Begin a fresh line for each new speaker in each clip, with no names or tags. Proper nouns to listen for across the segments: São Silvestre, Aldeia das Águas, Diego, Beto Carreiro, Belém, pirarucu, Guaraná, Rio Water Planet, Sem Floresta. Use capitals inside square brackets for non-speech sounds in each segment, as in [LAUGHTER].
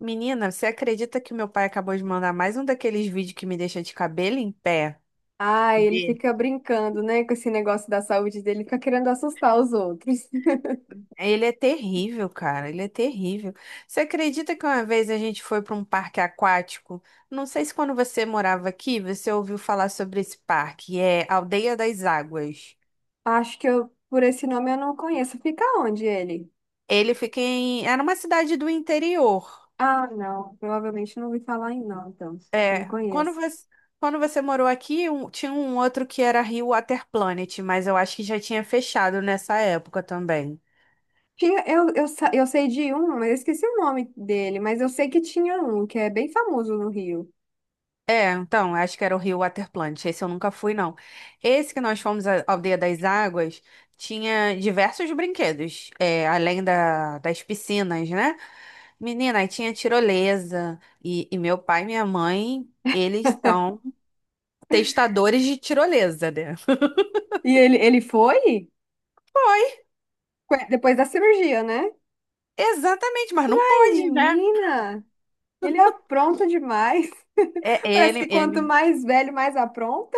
Menina, você acredita que o meu pai acabou de mandar mais um daqueles vídeos que me deixa de cabelo em pé?
Ah, ele
De-
fica brincando, né, com esse negócio da saúde dele, fica querendo assustar os outros. [LAUGHS]
Ele é terrível, cara, ele é terrível. Você acredita que uma vez a gente foi para um parque aquático? Não sei se quando você morava aqui, você ouviu falar sobre esse parque, é Aldeia das Águas.
Acho que eu, por esse nome eu não conheço. Fica onde ele?
Ele fica em. Era uma cidade do interior.
Ah, não, provavelmente não ouvi falar em não, então, não
É, quando
conheço.
você, quando você morou aqui, tinha um outro que era Rio Water Planet, mas eu acho que já tinha fechado nessa época também.
Tinha, eu sei de um, mas eu esqueci o nome dele, mas eu sei que tinha um, que é bem famoso no Rio.
É, então, acho que era o Rio Water Plant. Esse eu nunca fui, não. Esse que nós fomos, a Aldeia das Águas, tinha diversos brinquedos, é, além das piscinas, né? Menina, aí tinha tirolesa. E meu pai e minha mãe, eles são testadores de tirolesa, né?
E ele foi? Depois da cirurgia, né?
Exatamente, mas não
Ai,
pode, né?
menina, ele apronta demais.
É,
[LAUGHS] Parece
ele,
que quanto
ele
mais velho, mais apronta.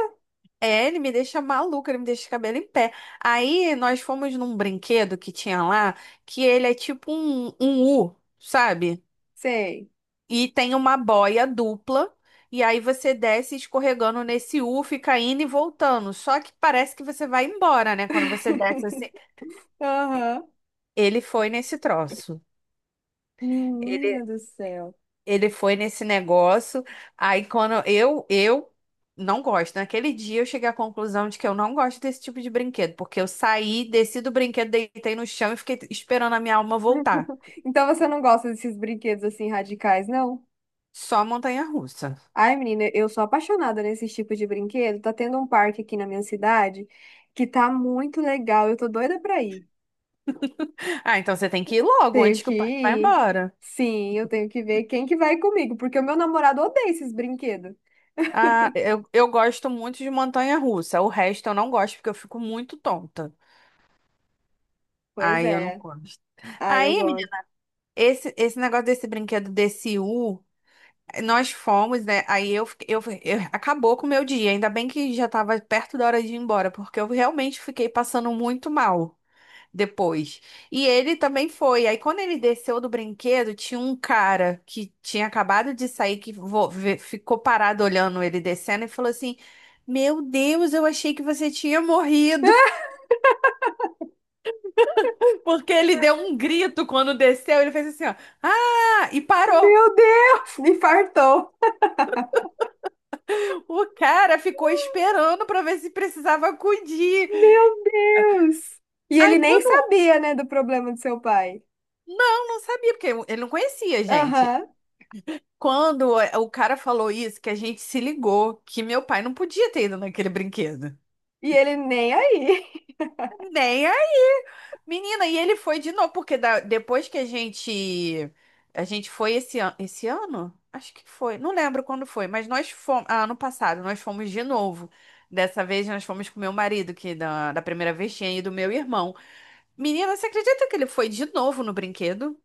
É, ele me deixa maluca, ele me deixa de cabelo em pé. Aí nós fomos num brinquedo que tinha lá, que ele é tipo um U, sabe?
Sei.
E tem uma boia dupla, e aí você desce escorregando nesse U, fica indo e voltando. Só que parece que você vai embora, né? Quando você desce assim.
Aham.
Ele foi nesse troço.
Menina do céu.
Ele foi nesse negócio. Aí quando eu não gosto. Naquele dia eu cheguei à conclusão de que eu não gosto desse tipo de brinquedo, porque eu saí, desci do brinquedo, deitei no chão e fiquei esperando a minha alma voltar.
Então você não gosta desses brinquedos assim radicais, não?
Só montanha-russa.
Ai, menina, eu sou apaixonada nesses tipos de brinquedo. Tá tendo um parque aqui na minha cidade que tá muito legal. Eu tô doida pra ir.
Ah, então você tem que ir logo
Tenho
antes que
que
o pai vá
ir.
embora.
Sim, eu tenho que ver quem que vai comigo, porque o meu namorado odeia esses brinquedos.
Ah, eu gosto muito de montanha-russa. O resto eu não gosto porque eu fico muito tonta.
Pois
Aí eu não
é.
gosto.
Ai, eu
Aí,
gosto.
menina, esse negócio desse brinquedo desse U. Nós fomos, né? Aí eu, fiquei- eu- acabou com o meu dia. Ainda bem que já estava perto da hora de ir embora, porque eu realmente fiquei passando muito mal depois. E ele também foi. Aí quando ele desceu do brinquedo, tinha um cara que tinha acabado de sair que ficou parado olhando ele descendo e falou assim: Meu Deus, eu achei que você tinha morrido. [LAUGHS] Porque ele deu um grito quando desceu. Ele fez assim, ó, ah! E parou.
Meu Deus, me fartou.
O cara ficou esperando para ver se precisava acudir.
Meu Deus. E
Aí
ele nem
quando.
sabia, né, do problema do seu pai.
Não, não sabia, porque ele não conhecia a gente.
Aham.
Quando o cara falou isso, que a gente se ligou, que meu pai não podia ter ido naquele brinquedo.
E ele nem aí.
Nem aí. Menina, e ele foi de novo, porque depois que a gente. A gente foi esse ano? Acho que foi. Não lembro quando foi, mas nós fomos. Ah, ano passado, nós fomos de novo. Dessa vez nós fomos com meu marido, que da primeira vez tinha ido meu irmão. Menina, você acredita que ele foi de novo no brinquedo?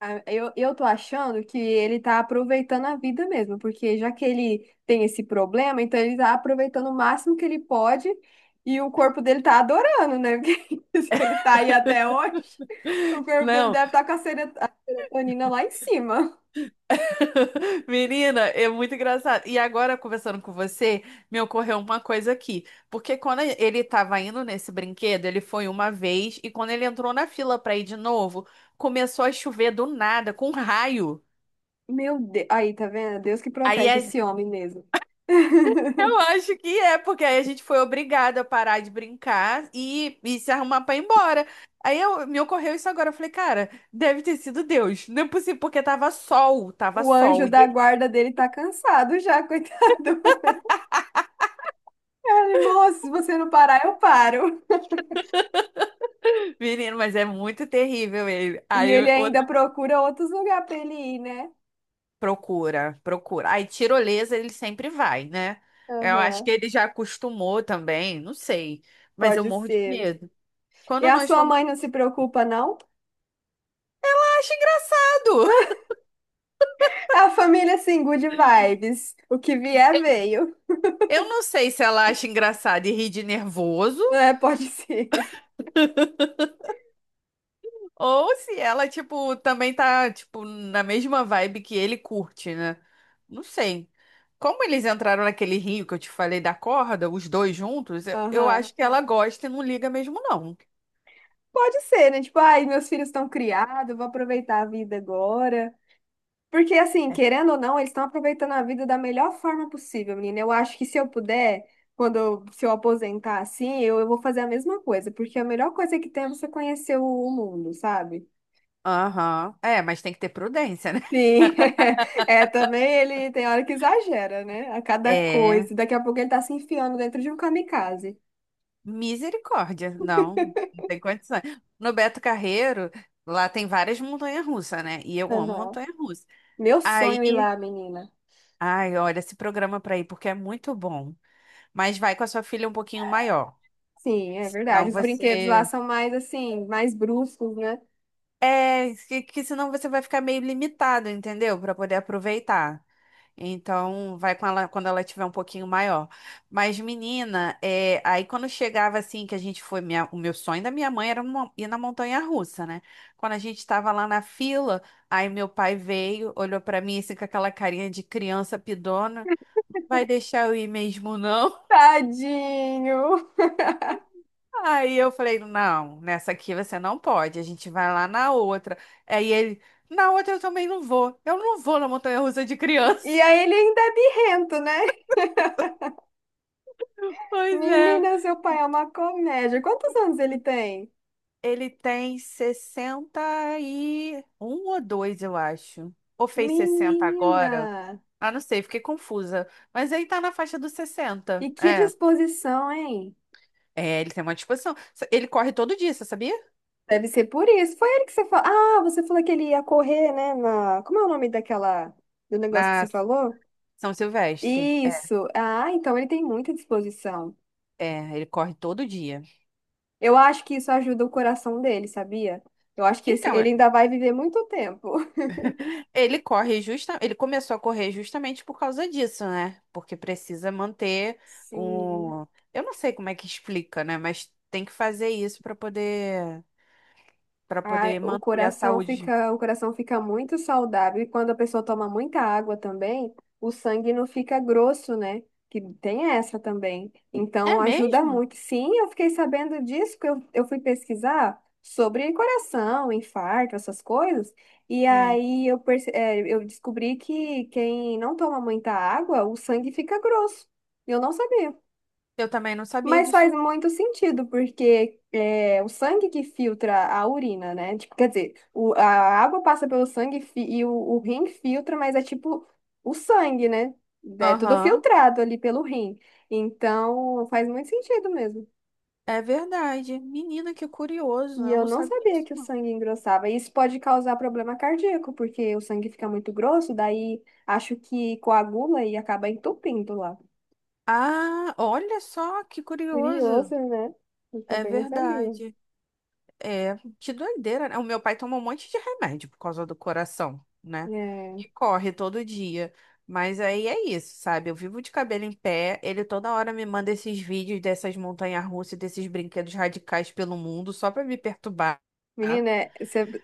Ah, eu tô achando que ele tá aproveitando a vida mesmo, porque já que ele tem esse problema, então ele tá aproveitando o máximo que ele pode e o corpo dele tá adorando, né? [LAUGHS] Porque se ele tá aí até hoje, o corpo dele
Não.
deve estar tá com a a serotonina lá em cima.
[LAUGHS] Menina, é muito engraçado. E agora, conversando com você, me ocorreu uma coisa aqui. Porque quando ele estava indo nesse brinquedo, ele foi uma vez, e quando ele entrou na fila para ir de novo, começou a chover do nada, com raio.
Meu Deus, aí tá vendo? Deus que
Aí
protege
a-
esse homem mesmo.
[LAUGHS] eu
[LAUGHS]
acho que é, porque aí a gente foi obrigada a parar de brincar e se arrumar para ir embora. Me ocorreu isso agora. Eu falei, cara, deve ter sido Deus. Não é possível, porque tava sol, tava
O
sol.
anjo
E
da
de
guarda dele tá cansado já, [LAUGHS] coitado. Ele, moço, se você não parar, eu paro.
[LAUGHS] Menino, mas é muito terrível ele.
E ele
Aí
ainda procura outros lugares para ele ir, né?
procura, procura. Aí, tirolesa ele sempre vai, né? Eu acho
Aham,
que ele já acostumou também, não sei. Mas eu
pode
morro de
ser.
medo.
E
Quando
a
nós
sua
fomos.
mãe não se preocupa, não?
"Ah, acho engraçado!"
É a família, assim, good vibes. O que vier, veio.
[LAUGHS] Eu não sei se ela acha engraçado e ri de nervoso,
É, pode ser. [LAUGHS]
ou se ela, tipo, também tá, tipo, na mesma vibe que ele curte, né? Não sei. Como eles entraram naquele rio que eu te falei da corda, os dois juntos, eu
Aham.
acho que ela gosta e não liga mesmo, não.
Pode ser, né? Tipo, ai, meus filhos estão criados, vou aproveitar a vida agora. Porque, assim, querendo ou não, eles estão aproveitando a vida da melhor forma possível, menina. Eu acho que se eu puder, quando eu, se eu aposentar assim, eu vou fazer a mesma coisa. Porque a melhor coisa que tem é você conhecer o mundo, sabe?
Aham. É, mas tem que ter prudência, né? [LAUGHS]
Sim, [LAUGHS] é, também ele tem hora que exagera, né? A cada
É.
coisa. Daqui a pouco ele tá se enfiando dentro de um kamikaze.
Misericórdia, não, não tem condições. No Beto Carreiro, lá tem várias montanhas-russas, né? E eu amo
Aham.
montanha-russa.
Meu sonho ir
Aí,
lá, menina.
ai, olha, esse programa pra ir, porque é muito bom. Mas vai com a sua filha um pouquinho maior,
Sim,
que
é
senão
verdade. Os brinquedos lá
você.
são mais assim, mais bruscos, né?
É, que senão você vai ficar meio limitado, entendeu? Pra poder aproveitar. Então, vai com ela quando ela tiver um pouquinho maior. Mas, menina, é, aí quando chegava assim, que a gente foi, o meu sonho da minha mãe era ir na montanha-russa, né? Quando a gente estava lá na fila, aí meu pai veio, olhou pra mim assim com aquela carinha de criança pidona, não vai deixar eu ir mesmo, não?
Tadinho.
[LAUGHS] Aí eu falei, não, nessa aqui você não pode, a gente vai lá na outra. Aí ele, na outra eu também não vou, eu não vou na montanha-russa de
E
criança.
aí
[LAUGHS]
ele ainda é birrento, né?
Pois é.
Menina, seu pai é uma comédia. Quantos anos ele tem?
Ele tem 61 ou 2, eu acho. Ou fez 60
Menina.
agora? Ah, não sei, fiquei confusa. Mas aí tá na faixa dos sessenta.
E que
É.
disposição, hein?
É, ele tem uma disposição. Ele corre todo dia, você sabia?
Deve ser por isso. Foi ele que você falou. Ah, você falou que ele ia correr, né? Na... Como é o nome daquela... do negócio que
Na
você falou?
São Silvestre. É,
Isso. Ah, então ele tem muita disposição.
é, ele corre todo dia.
Eu acho que isso ajuda o coração dele, sabia? Eu acho que
Então,
ele ainda vai viver muito tempo.
ele começou a correr justamente por causa disso, né? Porque precisa manter
[LAUGHS] Sim.
o, eu não sei como é que explica, né? Mas tem que fazer isso para poder
Ai,
manter a saúde.
o coração fica muito saudável e quando a pessoa toma muita água também, o sangue não fica grosso, né? Que tem essa também.
É
Então ajuda
mesmo?
muito. Sim, eu fiquei sabendo disso, que eu fui pesquisar sobre coração, infarto, essas coisas. E
Hum.
aí eu, eu descobri que quem não toma muita água, o sangue fica grosso. Eu não sabia.
Eu também não sabia
Mas
disso,
faz
não.
muito sentido, porque é o sangue que filtra a urina, né? Tipo, quer dizer, o, a água passa pelo sangue e e o rim filtra, mas é tipo o sangue, né? É tudo
Aham,
filtrado ali pelo rim. Então, faz muito sentido mesmo.
é verdade. Menina, que curioso.
E
Eu
eu
não
não
sabia
sabia
disso,
que o
não.
sangue engrossava. Isso pode causar problema cardíaco, porque o sangue fica muito grosso, daí acho que coagula e acaba entupindo lá.
Ah, olha só que curioso.
Curioso, né? Eu
É
também não sabia.
verdade. É, que doideira, né? O meu pai toma um monte de remédio por causa do coração, né?
É.
E corre todo dia. Mas aí é isso, sabe? Eu vivo de cabelo em pé. Ele toda hora me manda esses vídeos dessas montanhas-russas, desses brinquedos radicais pelo mundo, só pra me perturbar.
Menina,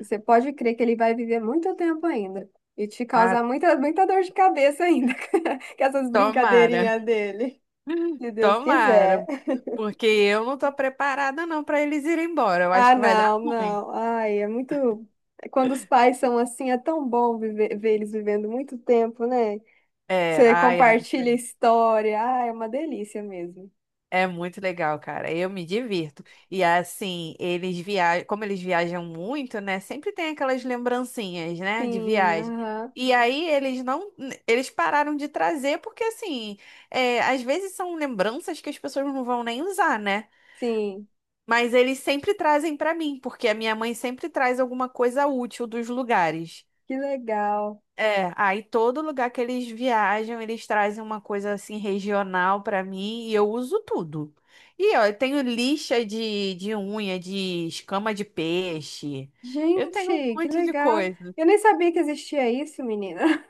você pode crer que ele vai viver muito tempo ainda e te
Ah,
causar muita, muita dor de cabeça ainda [LAUGHS] com essas
tomara.
brincadeirinhas dele,
[LAUGHS]
se Deus quiser.
Tomara. Porque eu não tô preparada não para eles irem embora. Eu acho
Ah,
que vai dar
não,
ruim.
não. Ai, é muito. Quando os pais são assim, é tão bom viver, ver eles vivendo muito tempo, né?
É,
Você
ai, é muito
compartilha a
legal.
história. Ah, é uma delícia mesmo.
É muito legal, cara. Eu me divirto. E assim, eles viajam, como eles viajam muito, né? Sempre tem aquelas lembrancinhas, né, de
Sim,
viagem.
aham,
E aí eles não, eles pararam de trazer porque assim, é, às vezes são lembranças que as pessoas não vão nem usar, né?
sim.
Mas eles sempre trazem pra mim, porque a minha mãe sempre traz alguma coisa útil dos lugares.
Que legal.
É, aí todo lugar que eles viajam, eles trazem uma coisa assim regional pra mim e eu uso tudo. E ó, eu tenho lixa de unha, de escama de peixe. Eu tenho um
Gente, que
monte de
legal.
coisa.
Eu nem sabia que existia isso, menina.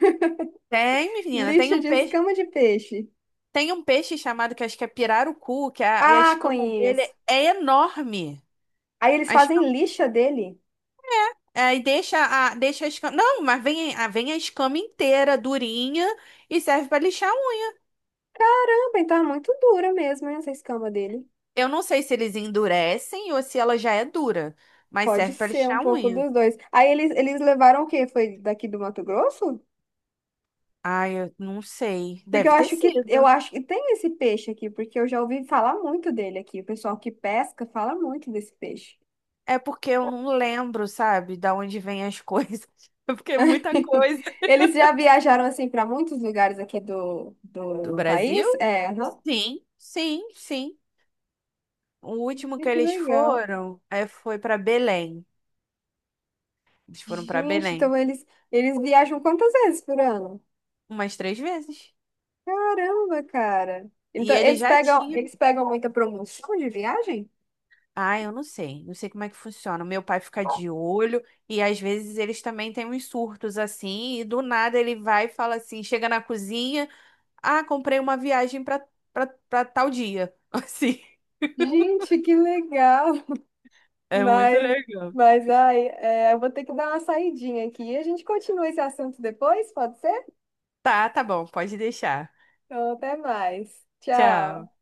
Tem, menina, tem
Lixa
um
de
peixe,
escama de peixe.
tem um peixe chamado que acho que é pirarucu, e a
Ah,
escama dele
conheço.
é enorme.
Aí eles fazem lixa dele.
É, e deixa a escama. Não, mas vem a escama inteira, durinha, e serve pra lixar a unha.
Ah, bem, tá muito dura mesmo, hein, essa escama dele.
Eu não sei se eles endurecem ou se ela já é dura, mas
Pode
serve pra
ser um
lixar a
pouco
unha.
dos dois. Aí eles levaram o quê? Foi daqui do Mato Grosso?
Ai, eu não sei.
Porque
Deve ter
eu
sido.
acho que tem esse peixe aqui, porque eu já ouvi falar muito dele aqui. O pessoal que pesca fala muito desse peixe.
É porque eu não lembro, sabe, da onde vem as coisas. [LAUGHS] Porque é muita
[LAUGHS]
coisa.
Eles já viajaram assim para muitos lugares aqui do,
Do
do
Brasil?
país? É, aham.
Sim, sim, sim. O último
Ai,
que
que
eles
legal.
foram foi pra Belém. Eles foram pra
Gente,
Belém
então eles viajam quantas vezes por ano?
umas três vezes.
Caramba, cara. Então,
E ele já tinha.
eles pegam muita promoção de viagem?
Ah, eu não sei. Não sei como é que funciona. O meu pai fica de olho e às vezes eles também têm uns surtos assim, e do nada ele vai e fala assim, chega na cozinha, ah, comprei uma viagem pra, pra tal dia. [LAUGHS] Assim,
Gente, que legal.
é muito
Mas,
legal.
mas ai, é, eu vou ter que dar uma saidinha aqui. A gente continua esse assunto depois, pode ser?
Tá, tá bom, pode deixar.
Então, até mais.
Tchau.
Tchau.